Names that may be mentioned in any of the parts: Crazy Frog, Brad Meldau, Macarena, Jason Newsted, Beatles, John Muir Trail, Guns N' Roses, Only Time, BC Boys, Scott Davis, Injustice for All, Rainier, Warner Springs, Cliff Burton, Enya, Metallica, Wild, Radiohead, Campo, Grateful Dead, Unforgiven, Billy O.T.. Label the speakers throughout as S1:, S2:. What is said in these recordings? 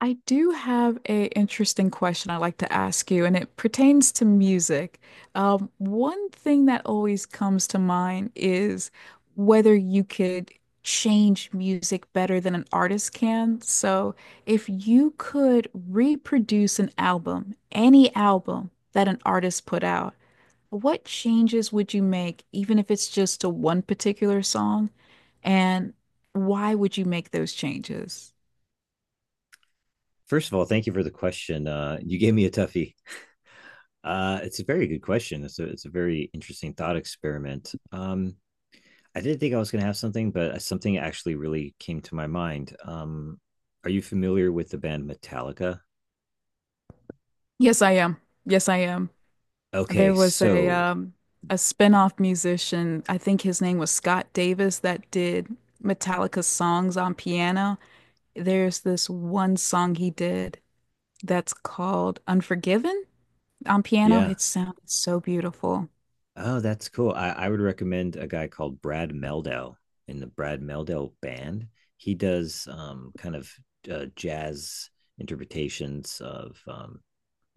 S1: I do have a interesting question I'd like to ask you, and it pertains to music. One thing that always comes to mind is whether you could change music better than an artist can. So, if you could reproduce an album, any album that an artist put out, what changes would you make, even if it's just to one particular song? And why would you make those changes?
S2: First of all, thank you for the question. You gave me a toughie. It's a very good question. It's a very interesting thought experiment. I didn't think I was going to have something, but something actually really came to my mind. Are you familiar with the band Metallica?
S1: Yes, I am. Yes, I am. There
S2: Okay,
S1: was a
S2: so
S1: um a spin-off musician, I think his name was Scott Davis, that did Metallica's songs on piano. There's this one song he did that's called Unforgiven on piano.
S2: yeah.
S1: It sounded so beautiful.
S2: Oh, that's cool. I would recommend a guy called Brad Meldau in the Brad Meldau band. He does kind of jazz interpretations of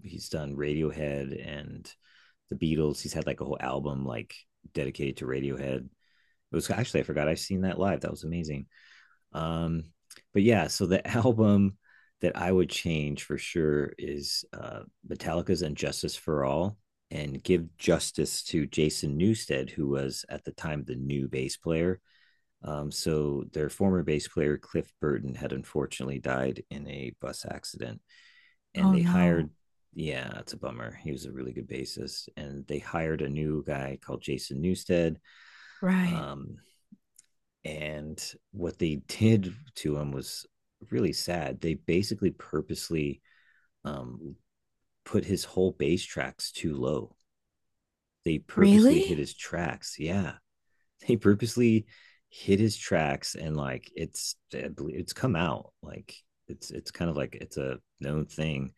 S2: he's done Radiohead and the Beatles. He's had like a whole album like dedicated to Radiohead. It was actually I forgot I've seen that live. That was amazing. Um, but yeah, so the album that I would change for sure is Metallica's "Injustice for All," and give justice to Jason Newsted, who was at the time the new bass player. So their former bass player Cliff Burton had unfortunately died in a bus accident and
S1: Oh
S2: they
S1: no.
S2: hired yeah, it's a bummer. He was a really good bassist, and they hired a new guy called Jason Newstead.
S1: Right.
S2: Um, and what they did to him was really sad. They basically purposely um, put his whole bass tracks too low. They purposely hit
S1: Really?
S2: his tracks. Yeah, they purposely hit his tracks, and like it's come out like it's kind of like it's a known thing.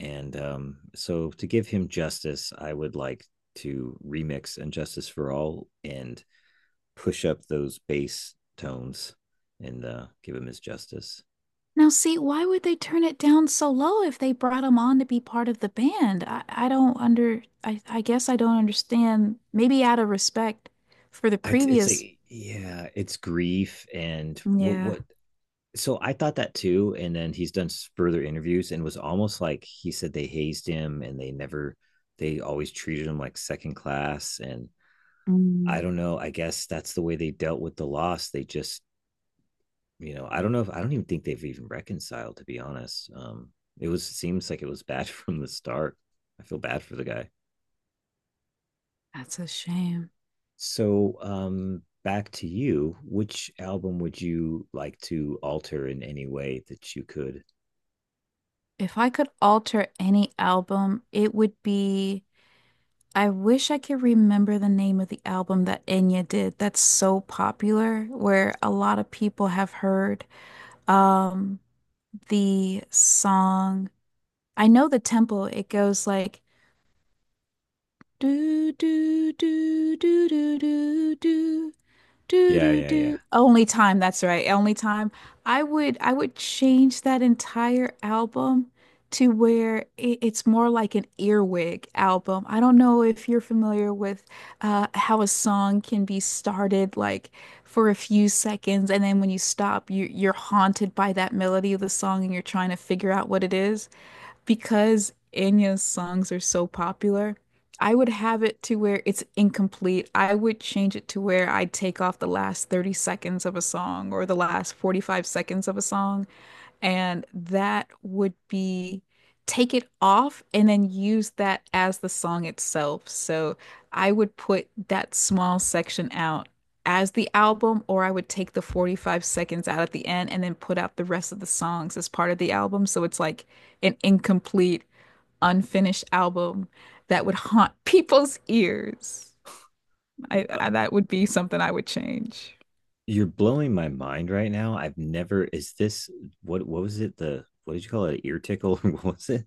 S2: And so, to give him justice, I would like to remix "Injustice for All" and push up those bass tones and give him his justice.
S1: Now see, why would they turn it down so low if they brought him on to be part of the band? I don't under, I guess I don't understand. Maybe out of respect for the
S2: It's
S1: previous.
S2: like, yeah, it's grief and what
S1: Yeah.
S2: what. So I thought that too, and then he's done further interviews and was almost like he said they hazed him and they never, they always treated him like second class. And I
S1: Mm,
S2: don't know. I guess that's the way they dealt with the loss. They just I don't know if I don't even think they've even reconciled. To be honest, it was seems like it was bad from the start. I feel bad for the guy.
S1: that's a shame.
S2: So back to you. Which album would you like to alter in any way that you could?
S1: If I could alter any album, it would be. I wish I could remember the name of the album that Enya did that's so popular, where a lot of people have heard um the song. I know the tempo, it goes like do do do do do do do do
S2: Yeah,
S1: do
S2: yeah, yeah.
S1: do. Only time, that's right. Only time. I would change that entire album to where it's more like an earwig album. I don't know if you're familiar with how a song can be started like for a few seconds, and then when you stop, you're haunted by that melody of the song and you're trying to figure out what it is. Because Enya's songs are so popular, I would have it to where it's incomplete. I would change it to where I take off the last 30 seconds of a song, or the last 45 seconds of a song, and that would be take it off and then use that as the song itself. So I would put that small section out as the album, or I would take the 45 seconds out at the end and then put out the rest of the songs as part of the album. So it's like an incomplete, unfinished album that would haunt people's ears.
S2: uh,
S1: That would be something I would change.
S2: you're blowing my mind right now. I've never. Is this what? What was it? The what did you call it? Ear tickle? What was it?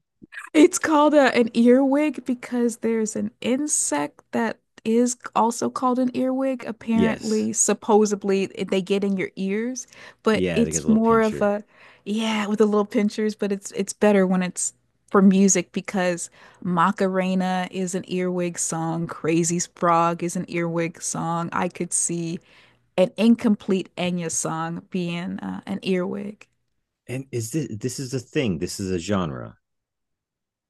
S1: It's called an earwig because there's an insect that is also called an earwig.
S2: Yes.
S1: Apparently, supposedly, they get in your ears, but
S2: Yeah, they get a
S1: it's
S2: little
S1: more of
S2: pincher.
S1: yeah, with the little pinchers, but it's better when it's for music because Macarena is an earwig song, Crazy Frog is an earwig song. I could see an incomplete Enya song being an earwig.
S2: And is this is a thing? This is a genre.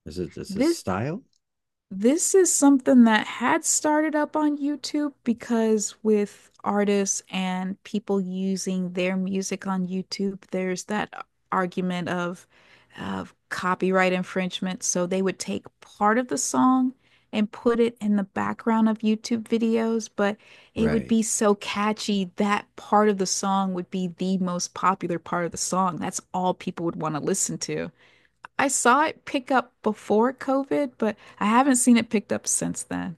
S2: Is it? This a
S1: This
S2: style?
S1: This is something that had started up on YouTube because with artists and people using their music on YouTube, there's that argument of copyright infringement. So they would take part of the song and put it in the background of YouTube videos, but it would be
S2: Right.
S1: so catchy that part of the song would be the most popular part of the song. That's all people would want to listen to. I saw it pick up before COVID, but I haven't seen it picked up since then.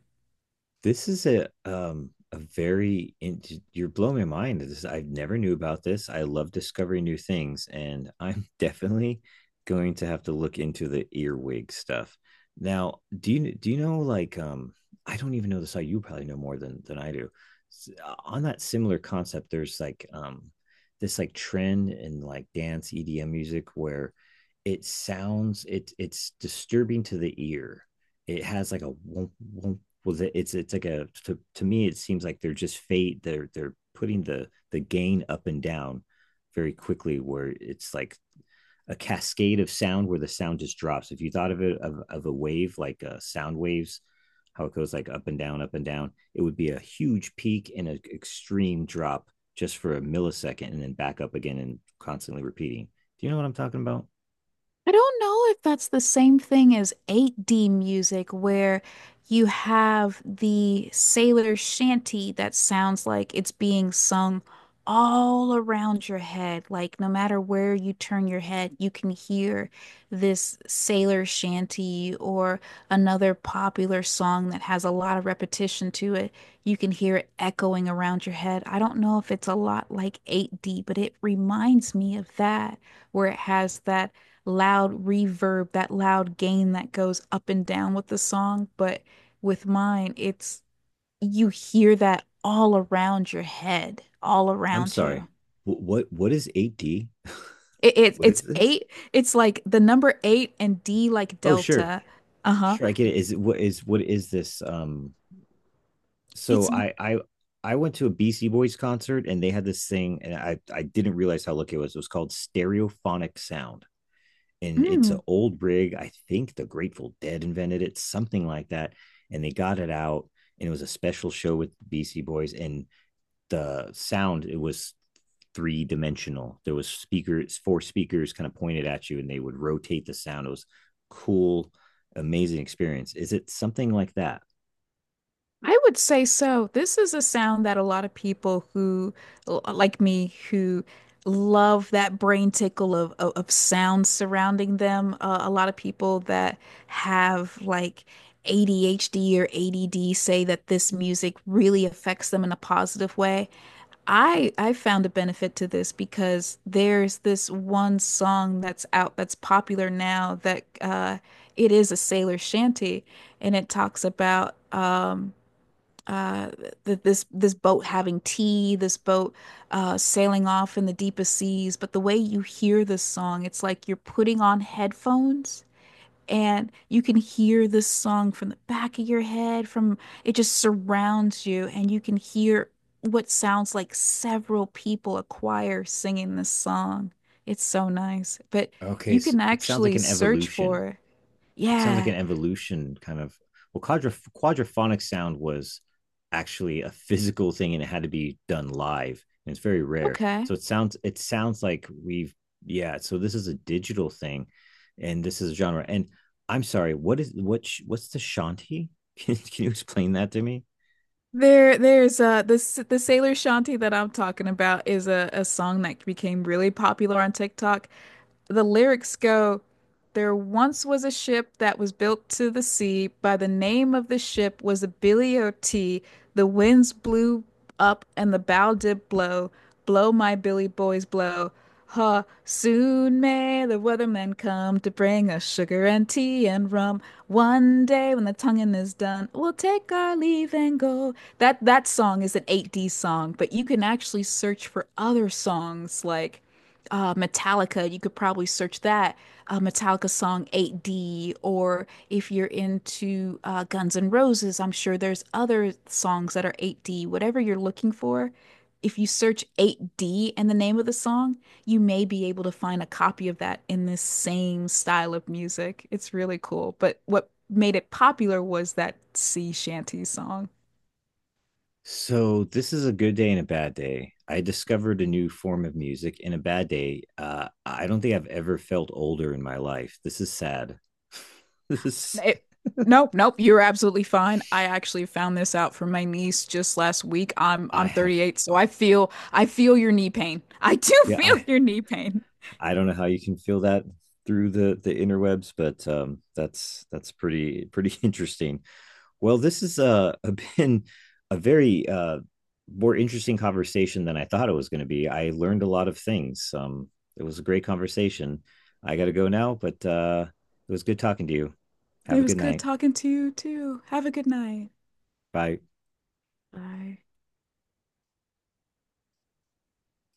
S2: This is a very in, you're blowing my mind. This I never knew about this. I love discovering new things, and I'm definitely going to have to look into the earwig stuff. Now, do you know like I don't even know the site. You probably know more than I do. On that similar concept, there's like this like trend in like dance EDM music where it sounds it's disturbing to the ear. It has like a womp, womp, was it's like a to me it seems like they're just fade they're putting the gain up and down very quickly where it's like a cascade of sound where the sound just drops if you thought of it of a wave like sound waves how it goes like up and down it would be a huge peak and an extreme drop just for a millisecond and then back up again and constantly repeating. Do you know what I'm talking about?
S1: I don't know if that's the same thing as 8D music, where you have the sailor shanty that sounds like it's being sung all around your head. Like, no matter where you turn your head, you can hear this sailor shanty or another popular song that has a lot of repetition to it. You can hear it echoing around your head. I don't know if it's a lot like 8D, but it reminds me of that, where it has that loud reverb, that loud gain that goes up and down with the song. But with mine, it's you hear that all around your head, all
S2: I'm
S1: around you.
S2: sorry, what is 8D?
S1: It, it
S2: What is
S1: it's
S2: this?
S1: eight. It's like the number eight and D like
S2: Oh sure.
S1: delta. Uh-huh.
S2: Sure, I get it. Is it what is this? So
S1: It's
S2: I I went to a BC Boys concert and they had this thing, and I didn't realize how lucky it was. It was called stereophonic sound, and it's an
S1: mm,
S2: old rig. I think the Grateful Dead invented it, something like that, and they got it out, and it was a special show with BC Boys, and the sound it was three dimensional. There was speakers, four speakers, kind of pointed at you, and they would rotate the sound. It was cool, amazing experience. Is it something like that?
S1: I would say so. This is a sound that a lot of people who, like me, who love that brain tickle of sounds surrounding them. A lot of people that have like ADHD or ADD say that this music really affects them in a positive way. I found a benefit to this because there's this one song that's out that's popular now that it is a sailor shanty, and it talks about uh th this this boat having tea, this boat sailing off in the deepest seas. But the way you hear this song, it's like you're putting on headphones and you can hear this song from the back of your head, from it just surrounds you and you can hear what sounds like several people, a choir singing this song. It's so nice. But
S2: Okay,
S1: you
S2: so
S1: can
S2: it sounds like
S1: actually
S2: an
S1: search
S2: evolution.
S1: for it.
S2: It sounds like
S1: Yeah.
S2: an evolution kind of. Well, quadraphonic sound was actually a physical thing, and it had to be done live, and it's very rare. So
S1: Okay.
S2: it sounds like we've yeah. So this is a digital thing, and this is a genre. And I'm sorry, what is what's the Shanti? Can you explain that to me?
S1: There's this the Sailor Shanty that I'm talking about is a song that became really popular on TikTok. The lyrics go, "There once was a ship that was built to the sea. By the name of the ship was the Billy O.T. The winds blew up and the bow did blow. Blow, my Billy boys, blow. Ha, soon may the weathermen come to bring us sugar and tea and rum. One day when the tonguing is done, we'll take our leave and go." That song is an 8D song, but you can actually search for other songs like Metallica. You could probably search that Metallica song 8D. Or if you're into Guns N' Roses, I'm sure there's other songs that are 8D. Whatever you're looking for, if you search 8D and the name of the song, you may be able to find a copy of that in this same style of music. It's really cool. But what made it popular was that sea shanty song.
S2: So this is a good day and a bad day. I discovered a new form of music. In a bad day, I don't think I've ever felt older in my life. This is sad. This is
S1: It, nope, nope, you're absolutely fine. I actually found this out from my niece just last week. I'm
S2: I
S1: I'm
S2: have
S1: 38, so I feel your knee pain. I do
S2: yeah
S1: feel your knee pain.
S2: I don't know how you can feel that through the interwebs, but that's pretty pretty interesting. Well, this has been a very more interesting conversation than I thought it was going to be. I learned a lot of things. It was a great conversation. I got to go now, but it was good talking to you. Have
S1: It
S2: a
S1: was
S2: good
S1: good
S2: night.
S1: talking to you too. Have a good night.
S2: Bye.
S1: Bye.